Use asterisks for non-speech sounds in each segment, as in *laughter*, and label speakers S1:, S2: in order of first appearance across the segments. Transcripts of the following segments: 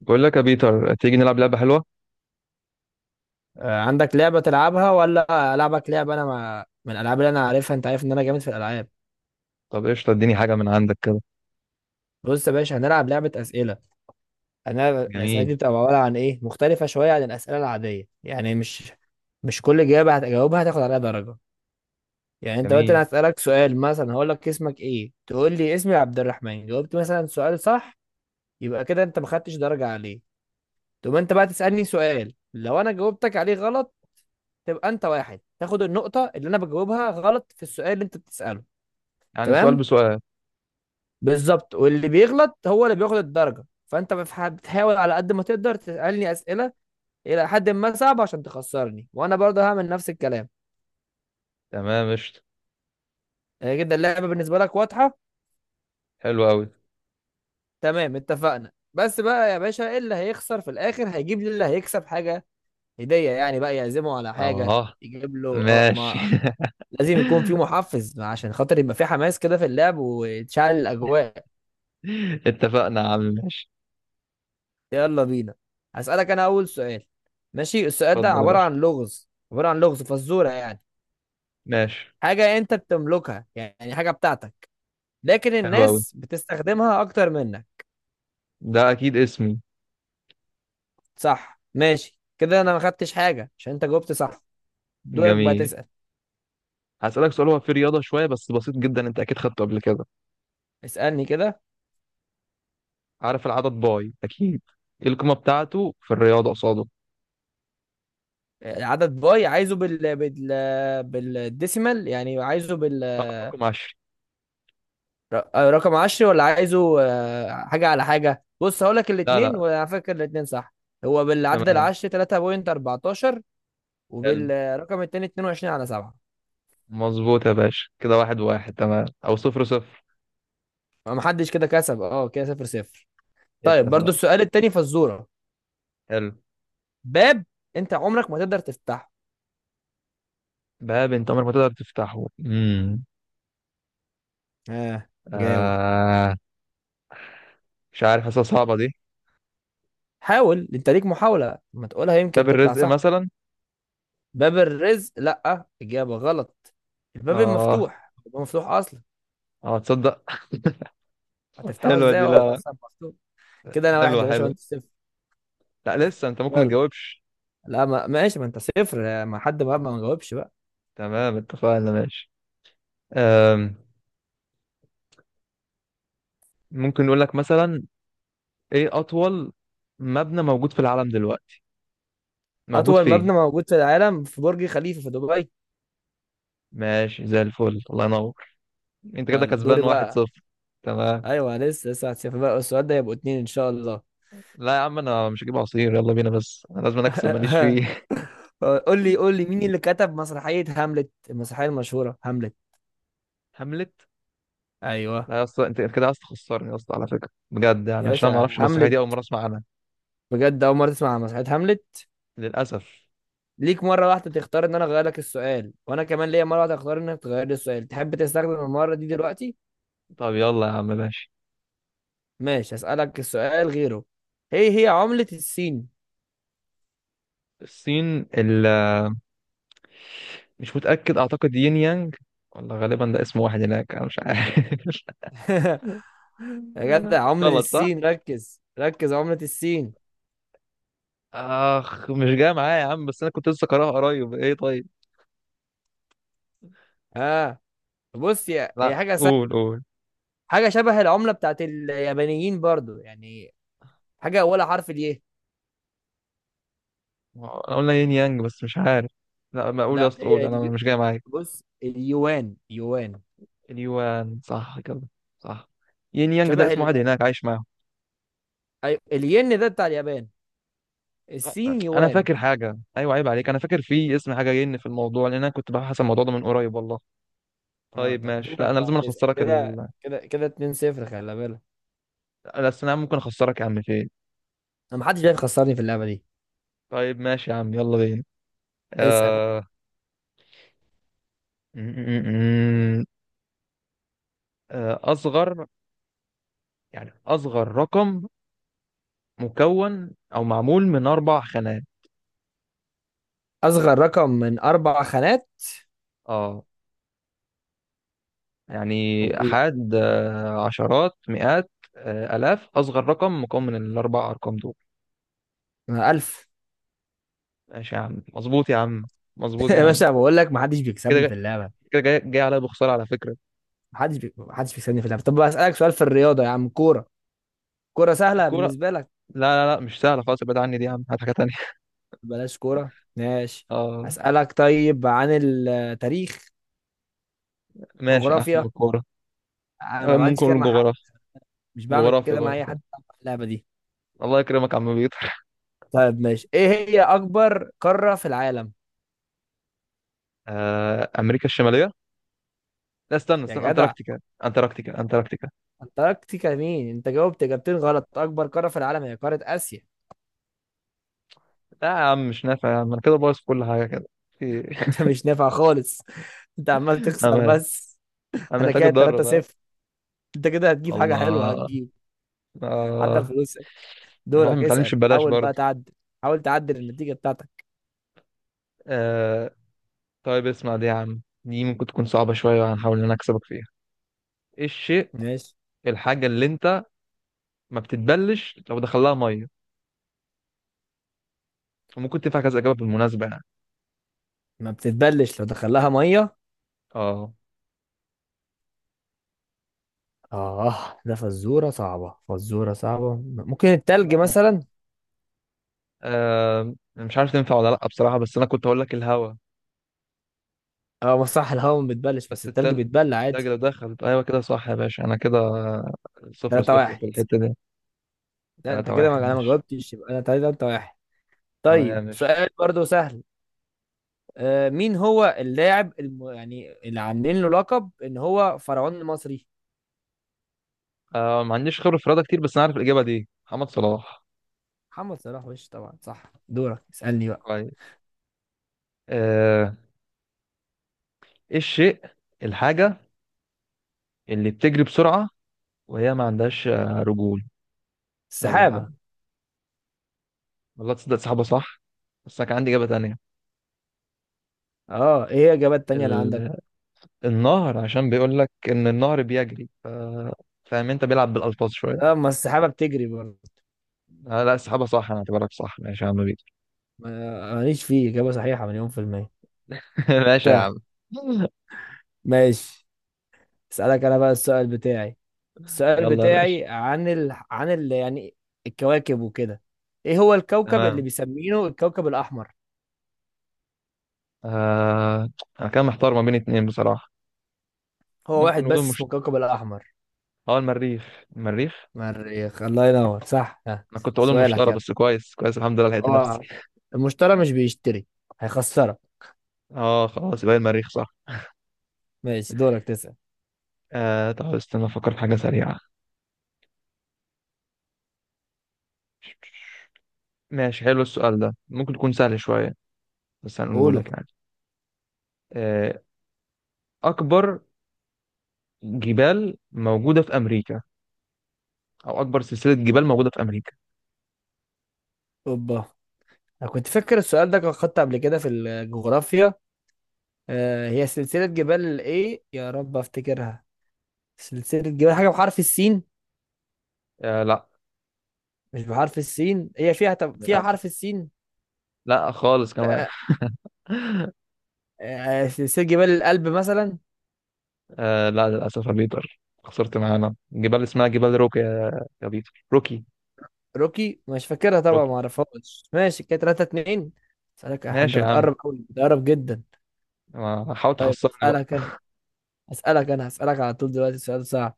S1: بقول لك يا بيتر، تيجي نلعب لعبة حلوة.
S2: عندك لعبة تلعبها ولا ألعبك لعبة؟ أنا ما من الألعاب اللي أنا عارفها. أنت عارف إن أنا جامد في الألعاب.
S1: طب قشطة اديني حاجة من عندك كده.
S2: بص يا باشا، هنلعب لعبة أسئلة. أنا الأسئلة
S1: جميل.
S2: دي بتبقى عبارة عن إيه، مختلفة شوية عن الأسئلة العادية، يعني مش كل إجابة هتجاوبها هتاخد عليها درجة. يعني أنت دلوقتي
S1: جميل،
S2: أنا هسألك سؤال، مثلا هقول لك اسمك إيه، تقول لي اسمي عبد الرحمن، جاوبت مثلا سؤال صح، يبقى كده أنت ما خدتش درجة عليه. تقوم أنت بقى تسألني سؤال، لو أنا جاوبتك عليه غلط تبقى أنت واحد، تاخد النقطة اللي أنا بجاوبها غلط في السؤال اللي أنت بتسأله.
S1: يعني سؤال
S2: تمام؟
S1: بسؤال.
S2: بالظبط. واللي بيغلط هو اللي بياخد الدرجة، فانت بتحاول على قد ما تقدر تسألني أسئلة إلى حد ما صعبة عشان تخسرني، وانا برضه هعمل نفس الكلام.
S1: تمام قشطة.
S2: كده اللعبة بالنسبة لك واضحة؟
S1: حلو أوي.
S2: تمام، اتفقنا. بس بقى يا باشا، إيه اللي هيخسر في الآخر هيجيب لي، اللي هيكسب حاجة، هدية يعني، بقى يعزمه على حاجة،
S1: اه
S2: يجيب له. اه
S1: ماشي
S2: ما
S1: *laughs*
S2: لازم يكون في محفز عشان خاطر يبقى في حماس كده في اللعب، وتشعل الأجواء.
S1: اتفقنا يا عم ماشي.
S2: يلا بينا، هسألك انا اول سؤال. ماشي، السؤال ده
S1: اتفضل يا
S2: عبارة
S1: باشا
S2: عن لغز، فزورة يعني.
S1: ماشي.
S2: حاجة انت بتملكها، يعني حاجة بتاعتك، لكن
S1: حلو أوي.
S2: الناس بتستخدمها اكتر منك.
S1: ده أكيد اسمي.
S2: صح، ماشي، كده انا ما خدتش حاجة عشان انت جاوبت صح. دورك بقى
S1: جميل.
S2: تسأل.
S1: هسألك سؤال، هو في رياضة شوية بس بسيط جدا، انت أكيد خدته قبل كده.
S2: اسألني كده.
S1: عارف العدد باي أكيد؟ ايه القيمة بتاعته في الرياضة قصاده؟
S2: العدد باي، عايزه بالديسيمال، يعني عايزه بال
S1: اه رقم 10.
S2: ر- آه، رقم عشري، ولا عايزه حاجة على حاجة؟ بص هقولك
S1: لا
S2: الاتنين،
S1: لا.
S2: وعلى فكرة الاتنين صح. هو بالعدد
S1: تمام.
S2: العشري 3.14،
S1: حلو.
S2: وبالرقم التاني 22 على 7.
S1: مظبوط يا باشا، كده 1-1 تمام او 0-0.
S2: محدش كده كسب، كده صفر صفر. طيب، برضو
S1: اتفقنا.
S2: السؤال التاني فزورة.
S1: حلو.
S2: باب انت عمرك ما تقدر تفتحه.
S1: باب انت عمرك ما تقدر تفتحه،
S2: اه جاوب.
S1: آه مش عارف، حاسسها صعبة دي.
S2: حاول، انت ليك محاولة، ما تقولها
S1: باب
S2: يمكن تطلع
S1: الرزق
S2: صح.
S1: مثلا.
S2: باب الرزق؟ لا، اجابة غلط.
S1: اه،
S2: الباب مفتوح اصلا،
S1: اه، تصدق.
S2: هتفتحه
S1: حلوة
S2: ازاي
S1: دي،
S2: هو
S1: لا لا.
S2: اصلا مفتوح؟ كده انا واحد
S1: حلوة
S2: يا باشا،
S1: حلوة.
S2: وانت صفر.
S1: لا لسه انت ممكن ما
S2: يلا.
S1: تجاوبش.
S2: لا، ما ماشي، ما انت صفر، ما حد بقى ما جاوبش بقى.
S1: تمام اتفقنا ماشي. آم. ممكن نقول لك مثلا، ايه اطول مبنى موجود في العالم دلوقتي، موجود
S2: اطول
S1: فين؟
S2: مبنى موجود في العالم في برج خليفة في دبي.
S1: ماشي زي الفل الله ينور. انت كده
S2: يلا دوري
S1: كسبان واحد
S2: بقى.
S1: صفر تمام.
S2: ايوه، لسه لسه هتشوف بقى السؤال ده، يبقوا اتنين ان شاء الله.
S1: لا يا عم انا مش هجيب عصير يلا بينا، بس انا لازم اكسب ماليش
S2: *laughs*
S1: فيه.
S2: قول لي مين اللي كتب مسرحية هاملت، المسرحية المشهورة هاملت.
S1: *laughs* هاملت.
S2: ايوه،
S1: لا يا اسطى انت كده عايز تخسرني يا اسطى، على فكره بجد يعني
S2: يا
S1: عشان انا ما
S2: باشا،
S1: اعرفش المسرحيه دي،
S2: هاملت.
S1: اول مره اسمع عنها.
S2: بجد اول مرة تسمع عن مسرحية هاملت؟
S1: للاسف.
S2: ليك مرة واحدة تختار ان انا اغير لك السؤال، وانا كمان ليا مرة واحدة اختار انك تغير لي السؤال. تحب تستخدم المرة دي دلوقتي؟
S1: طب يلا يا عم ماشي.
S2: ماشي، هسألك السؤال غيره. ايه هي عملة الصين؟
S1: الصين اللي... *laughs* مش متاكد، اعتقد يين يانج. والله غالبا ده اسم واحد هناك، انا مش عارف.
S2: *laughs* يا جدع،
S1: *laughs*
S2: عملة
S1: غلط صح.
S2: السين، ركز ركز عملة السين.
S1: اخ مش جاي معايا يا عم، بس انا كنت لسه قراها قريب، ايه طيب.
S2: ها؟ بص يا، هي
S1: لا،
S2: حاجة
S1: قول
S2: سهلة،
S1: قول.
S2: حاجة شبه العملة بتاعت اليابانيين برضو يعني، حاجة ولا حرف اليه.
S1: انا قلنا يين يانج بس مش عارف. لا ما اقول يا
S2: لا،
S1: اسطى قول
S2: هي
S1: انا مش جاي معايا.
S2: بص، اليوان، يوان.
S1: اليوان صح كده. صح. يين يانج
S2: شبه
S1: ده اسم واحد هناك عايش معاهم.
S2: الين ده بتاع اليابان، السين
S1: انا
S2: يوان.
S1: فاكر حاجه ايوه عيب عليك، انا فاكر في اسم حاجه ين في الموضوع، لان انا كنت ببحث عن الموضوع ده من قريب والله.
S2: اه
S1: طيب
S2: طب
S1: ماشي، لا
S2: دورك
S1: انا
S2: بقى
S1: لازم
S2: تسأل،
S1: اخسرك
S2: كده
S1: ال...
S2: كده كده 2-0، خلي بالك.
S1: لا أصل انا ممكن اخسرك يا عم فين.
S2: انا محدش جاي يخسرني في اللعبة دي.
S1: طيب ماشي يا عم يلا بينا.
S2: اسأل.
S1: آه... م- م- م- اصغر، يعني اصغر رقم مكون او معمول من 4 خانات.
S2: اصغر رقم من اربع خانات،
S1: اه.
S2: آه،
S1: يعني
S2: ولا
S1: أحاد، عشرات مئات، آلاف، أصغر رقم مكون من الأربع أرقام دول.
S2: ألف.
S1: ماشي يا عم مظبوط يا عم.
S2: *laughs*
S1: مظبوط يا
S2: يا
S1: عم.
S2: باشا، بقول لك محدش
S1: كده
S2: بيكسبني
S1: جاي-
S2: في اللعبة.
S1: كده جاي عليا بخسارة على فكرة.
S2: محدش بيكسبني في اللعبة. طب اسألك سؤال في الرياضة يا عم، كورة. كورة
S1: لا
S2: سهلة
S1: الكورة.
S2: بالنسبة لك.
S1: لا لا لا مش سهلة خالص، ابعد عني دي يا عم، هات حاجة تانية *laughs*
S2: بلاش كورة، ماشي.
S1: اه
S2: اسألك طيب عن التاريخ،
S1: ماشي أحسن من
S2: جغرافيا.
S1: الكورة.
S2: انا ما بعملش
S1: ممكن
S2: كده
S1: نقول
S2: مع حد،
S1: جغرافيا.
S2: مش بعمل
S1: جغرافيا
S2: كده مع اي حد
S1: جغرافيا.
S2: في اللعبة دي.
S1: الله يكرمك يا عم بيطر.
S2: طيب ماشي، ايه هي اكبر قارة في العالم؟
S1: أمريكا الشمالية. لا استنى
S2: يا
S1: استنى،
S2: جدع،
S1: أنتاركتيكا أنتاركتيكا أنتاركتيكا.
S2: انتاركتيكا مين؟ انت جاوبت اجابتين غلط، اكبر قارة في العالم هي قارة اسيا.
S1: لا يا عم مش نافع يا عم، أنا كده بايظ في كل حاجة كده في-
S2: *laughs* انت مش نافع خالص، انت عمال
S1: *laughs*
S2: تخسر
S1: أنا
S2: بس.
S1: أنا
S2: انا
S1: محتاج
S2: كده 3
S1: أتدرب ها.
S2: 0 انت كده هتجيب حاجة حلوة،
S1: الله.
S2: هتجيب، عدى
S1: آه.
S2: الفلوس.
S1: الواحد ما
S2: دورك
S1: بيتعلمش
S2: اسأل،
S1: ببلاش
S2: حاول
S1: برضه.
S2: بقى تعدل، حاول تعدل النتيجة بتاعتك.
S1: آه طيب اسمع دي يا عم، دي ممكن تكون صعبة شوية، هنحاول إن أنا أكسبك فيها. إيه الشيء،
S2: ماشي.
S1: الحاجة اللي أنت ما بتتبلش لو دخلها مية، وممكن تنفع كذا إجابة بالمناسبة يعني.
S2: ما بتتبلش لو دخلها مية.
S1: آه.
S2: اه ده فزورة صعبة، ممكن التلج مثلا.
S1: مش عارف تنفع ولا لأ بصراحة، بس أنا كنت هقول لك الهوا.
S2: اه ما صح، الهواء ما بتبلش، بس
S1: بس
S2: التلج بيتبل
S1: التلج
S2: عادي.
S1: لو دخل أيوة كده صح يا باشا، أنا كده صفر
S2: تلاتة
S1: صفر في
S2: واحد.
S1: الحتة دي.
S2: لا انت
S1: تلاتة
S2: كده، ما
S1: واحد
S2: انا ما
S1: ماشي.
S2: جاوبتش، يبقى انا تلاتة واحد. طيب
S1: تمام ماشي.
S2: سؤال برضو سهل. مين هو اللاعب يعني اللي عاملين له لقب ان هو فرعون المصري.
S1: ما عنديش خبرة في الرياضة كتير، بس أنا عارف الإجابة دي، محمد صلاح.
S2: محمد صلاح، وش طبعا صح. دورك اسألني بقى.
S1: كويس. آه ايه الشيء، الحاجة اللي بتجري بسرعة، وهي ما عندهاش رجول. يلا يا عم.
S2: السحابة.
S1: والله تصدق صاحبة صح، بس أنا كان عندي إجابة تانية.
S2: اه ايه هي الاجابات التانية اللي عندك؟
S1: ال... النهر، عشان بيقول لك إن النهر بيجري فاهم، أنت بيلعب بالألفاظ شوية.
S2: اه ما السحابة بتجري برضه.
S1: آه لا صاحبة صح، أنا اعتبرك صح ماشي يا عم بيك.
S2: ماليش فيه إجابة صحيحة مليون في المية.
S1: *laughs* ماشي يا
S2: طيب
S1: عم.
S2: ماشي، اسألك انا بقى السؤال بتاعي. السؤال
S1: يلا يا باشا.
S2: بتاعي عن يعني الكواكب وكده. ايه هو الكوكب اللي
S1: تمام.
S2: بيسمينه الكوكب الاحمر؟
S1: آه... أنا كان محتار ما بين اتنين بصراحة.
S2: هو
S1: ممكن
S2: واحد
S1: نقول
S2: بس اسمه الكوكب الاحمر.
S1: المريخ المريخ.
S2: مريخ، الله ينور، صح. ها.
S1: أنا كنت أقول
S2: سؤالك
S1: المشتري،
S2: يلا.
S1: بس كويس كويس الحمد لله لقيت نفسي.
S2: اه المشتري مش بيشتري، هيخسرك.
S1: خلاص يبقى المريخ صح.
S2: ماشي، دورك تسأل.
S1: طب استنى افكر في حاجة سريعة. ماشي حلو السؤال ده ممكن تكون سهل شوية، بس هنقوله
S2: قوله.
S1: لك يعني. آه أكبر جبال موجودة في أمريكا، أو أكبر سلسلة جبال موجودة في أمريكا.
S2: اوبا، انا كنت فاكر السؤال ده كان خدته قبل كده في الجغرافيا. هي سلسلة جبال ايه، يا رب افتكرها. سلسلة جبال حاجة بحرف السين.
S1: آه لا
S2: مش بحرف السين، هي فيها، طب فيها
S1: للأسف.
S2: حرف السين.
S1: لا خالص كمان.
S2: آه
S1: *laughs*
S2: سلسلة جبال الألب مثلا.
S1: آه لا للأسف يا بيتر، خسرت معانا، جبال اسمها جبال روكي، يا بيتر روكي.
S2: روكي مش فاكرها طبعا، ما
S1: روكي.
S2: اعرفهاش. ماشي كده 3-2. اسألك انت
S1: ماشي يا عم.
S2: بتقرب قوي، بتقرب جدا.
S1: حاول تخسرني بقى.
S2: اسألك انا اسألك انا هسألك على طول دلوقتي سؤال صعب.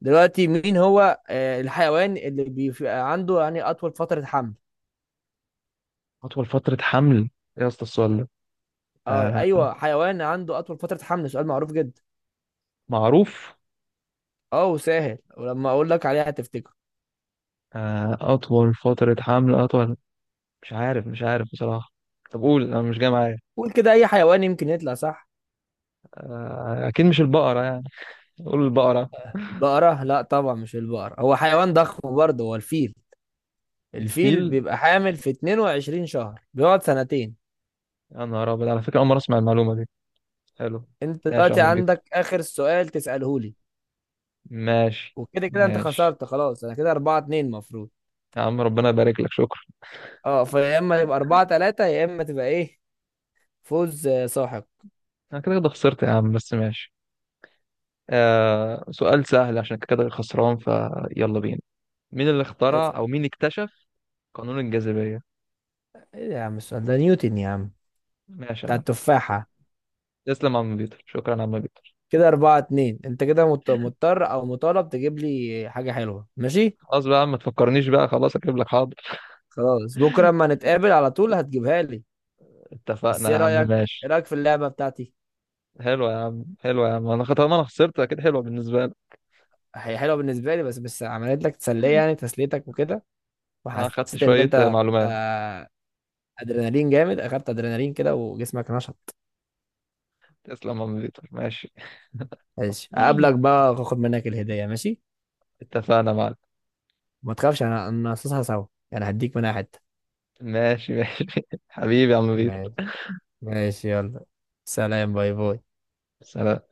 S2: دلوقتي مين هو الحيوان اللي بيبقى عنده يعني اطول فترة حمل؟
S1: أطول فترة حمل، إيه يا اسطى السؤال ده؟
S2: اه،
S1: آه
S2: ايوه، حيوان عنده اطول فترة حمل، سؤال معروف جدا.
S1: معروف.
S2: اه وسهل، ولما اقول لك عليها هتفتكره.
S1: أطول فترة حمل أطول. مش عارف مش عارف بصراحة. طب قول انا مش جاي معايا.
S2: قول كده اي حيوان يمكن يطلع صح.
S1: اكيد مش البقرة يعني. قول البقرة.
S2: البقرة؟ لا طبعا، مش البقرة، هو حيوان ضخم برضه، هو الفيل. الفيل
S1: الفيل.
S2: بيبقى حامل في 22 شهر، بيقعد سنتين.
S1: يا نهار ابيض، على فكرة اول مرة اسمع المعلومة دي. حلو.
S2: انت
S1: ماشي يا
S2: دلوقتي
S1: عم
S2: عندك
S1: بيتر.
S2: اخر سؤال تسأله لي،
S1: ماشي.
S2: وكده كده انت
S1: ماشي
S2: خسرت خلاص، انا كده 4-2 المفروض.
S1: يا عم ربنا يبارك لك شكرا.
S2: اه فيا اما يبقى 4-3، يا اما تبقى ايه، فوز ساحق.
S1: انا كده كده خسرت يا عم، بس ماشي. سؤال سهل عشان كده خسران، فيلا بينا. مين اللي اخترع
S2: اسأل.
S1: او مين اكتشف قانون الجاذبية؟
S2: ايه يا عم السؤال ده، نيوتن يا عم،
S1: ماشي يا
S2: بتاع
S1: عم.
S2: التفاحة.
S1: تسلم يا عم بيتر، شكرا يا عم بيتر.
S2: كده أربعة اتنين، أنت كده مضطر أو مطالب تجيب لي حاجة حلوة، ماشي.
S1: خلاص بقى يا عم ما تفكرنيش بقى، خلاص اجيب لك حاضر.
S2: خلاص، بكره اما نتقابل على طول هتجيبها لي. بس
S1: اتفقنا يا
S2: ايه
S1: عم
S2: رايك، ايه
S1: ماشي.
S2: رايك في اللعبه بتاعتي؟
S1: حلوة يا عم حلوة يا عم، طالما انا خسرت اكيد حلوة بالنسبة لي.
S2: هي حلوه بالنسبه لي، بس عملت لك تسليه، يعني تسليتك وكده.
S1: انا اخدت
S2: وحسيت ان
S1: شوية
S2: انت
S1: معلومات.
S2: ادرينالين جامد، اخدت ادرينالين كده، وجسمك نشط.
S1: تسلم يا عم بيتر ماشي.
S2: ماشي هقابلك
S1: *laughs*
S2: بقى واخد منك الهديه، ماشي؟
S1: اتفقنا يا معلم.
S2: ما تخافش، انا هنقصصها سوا، يعني هديك منها حته.
S1: ماشي ماشي *laughs* حبيبي يا عم بيتر.
S2: ماشي ماشي، يلا سلام، باي باي.
S1: سلام.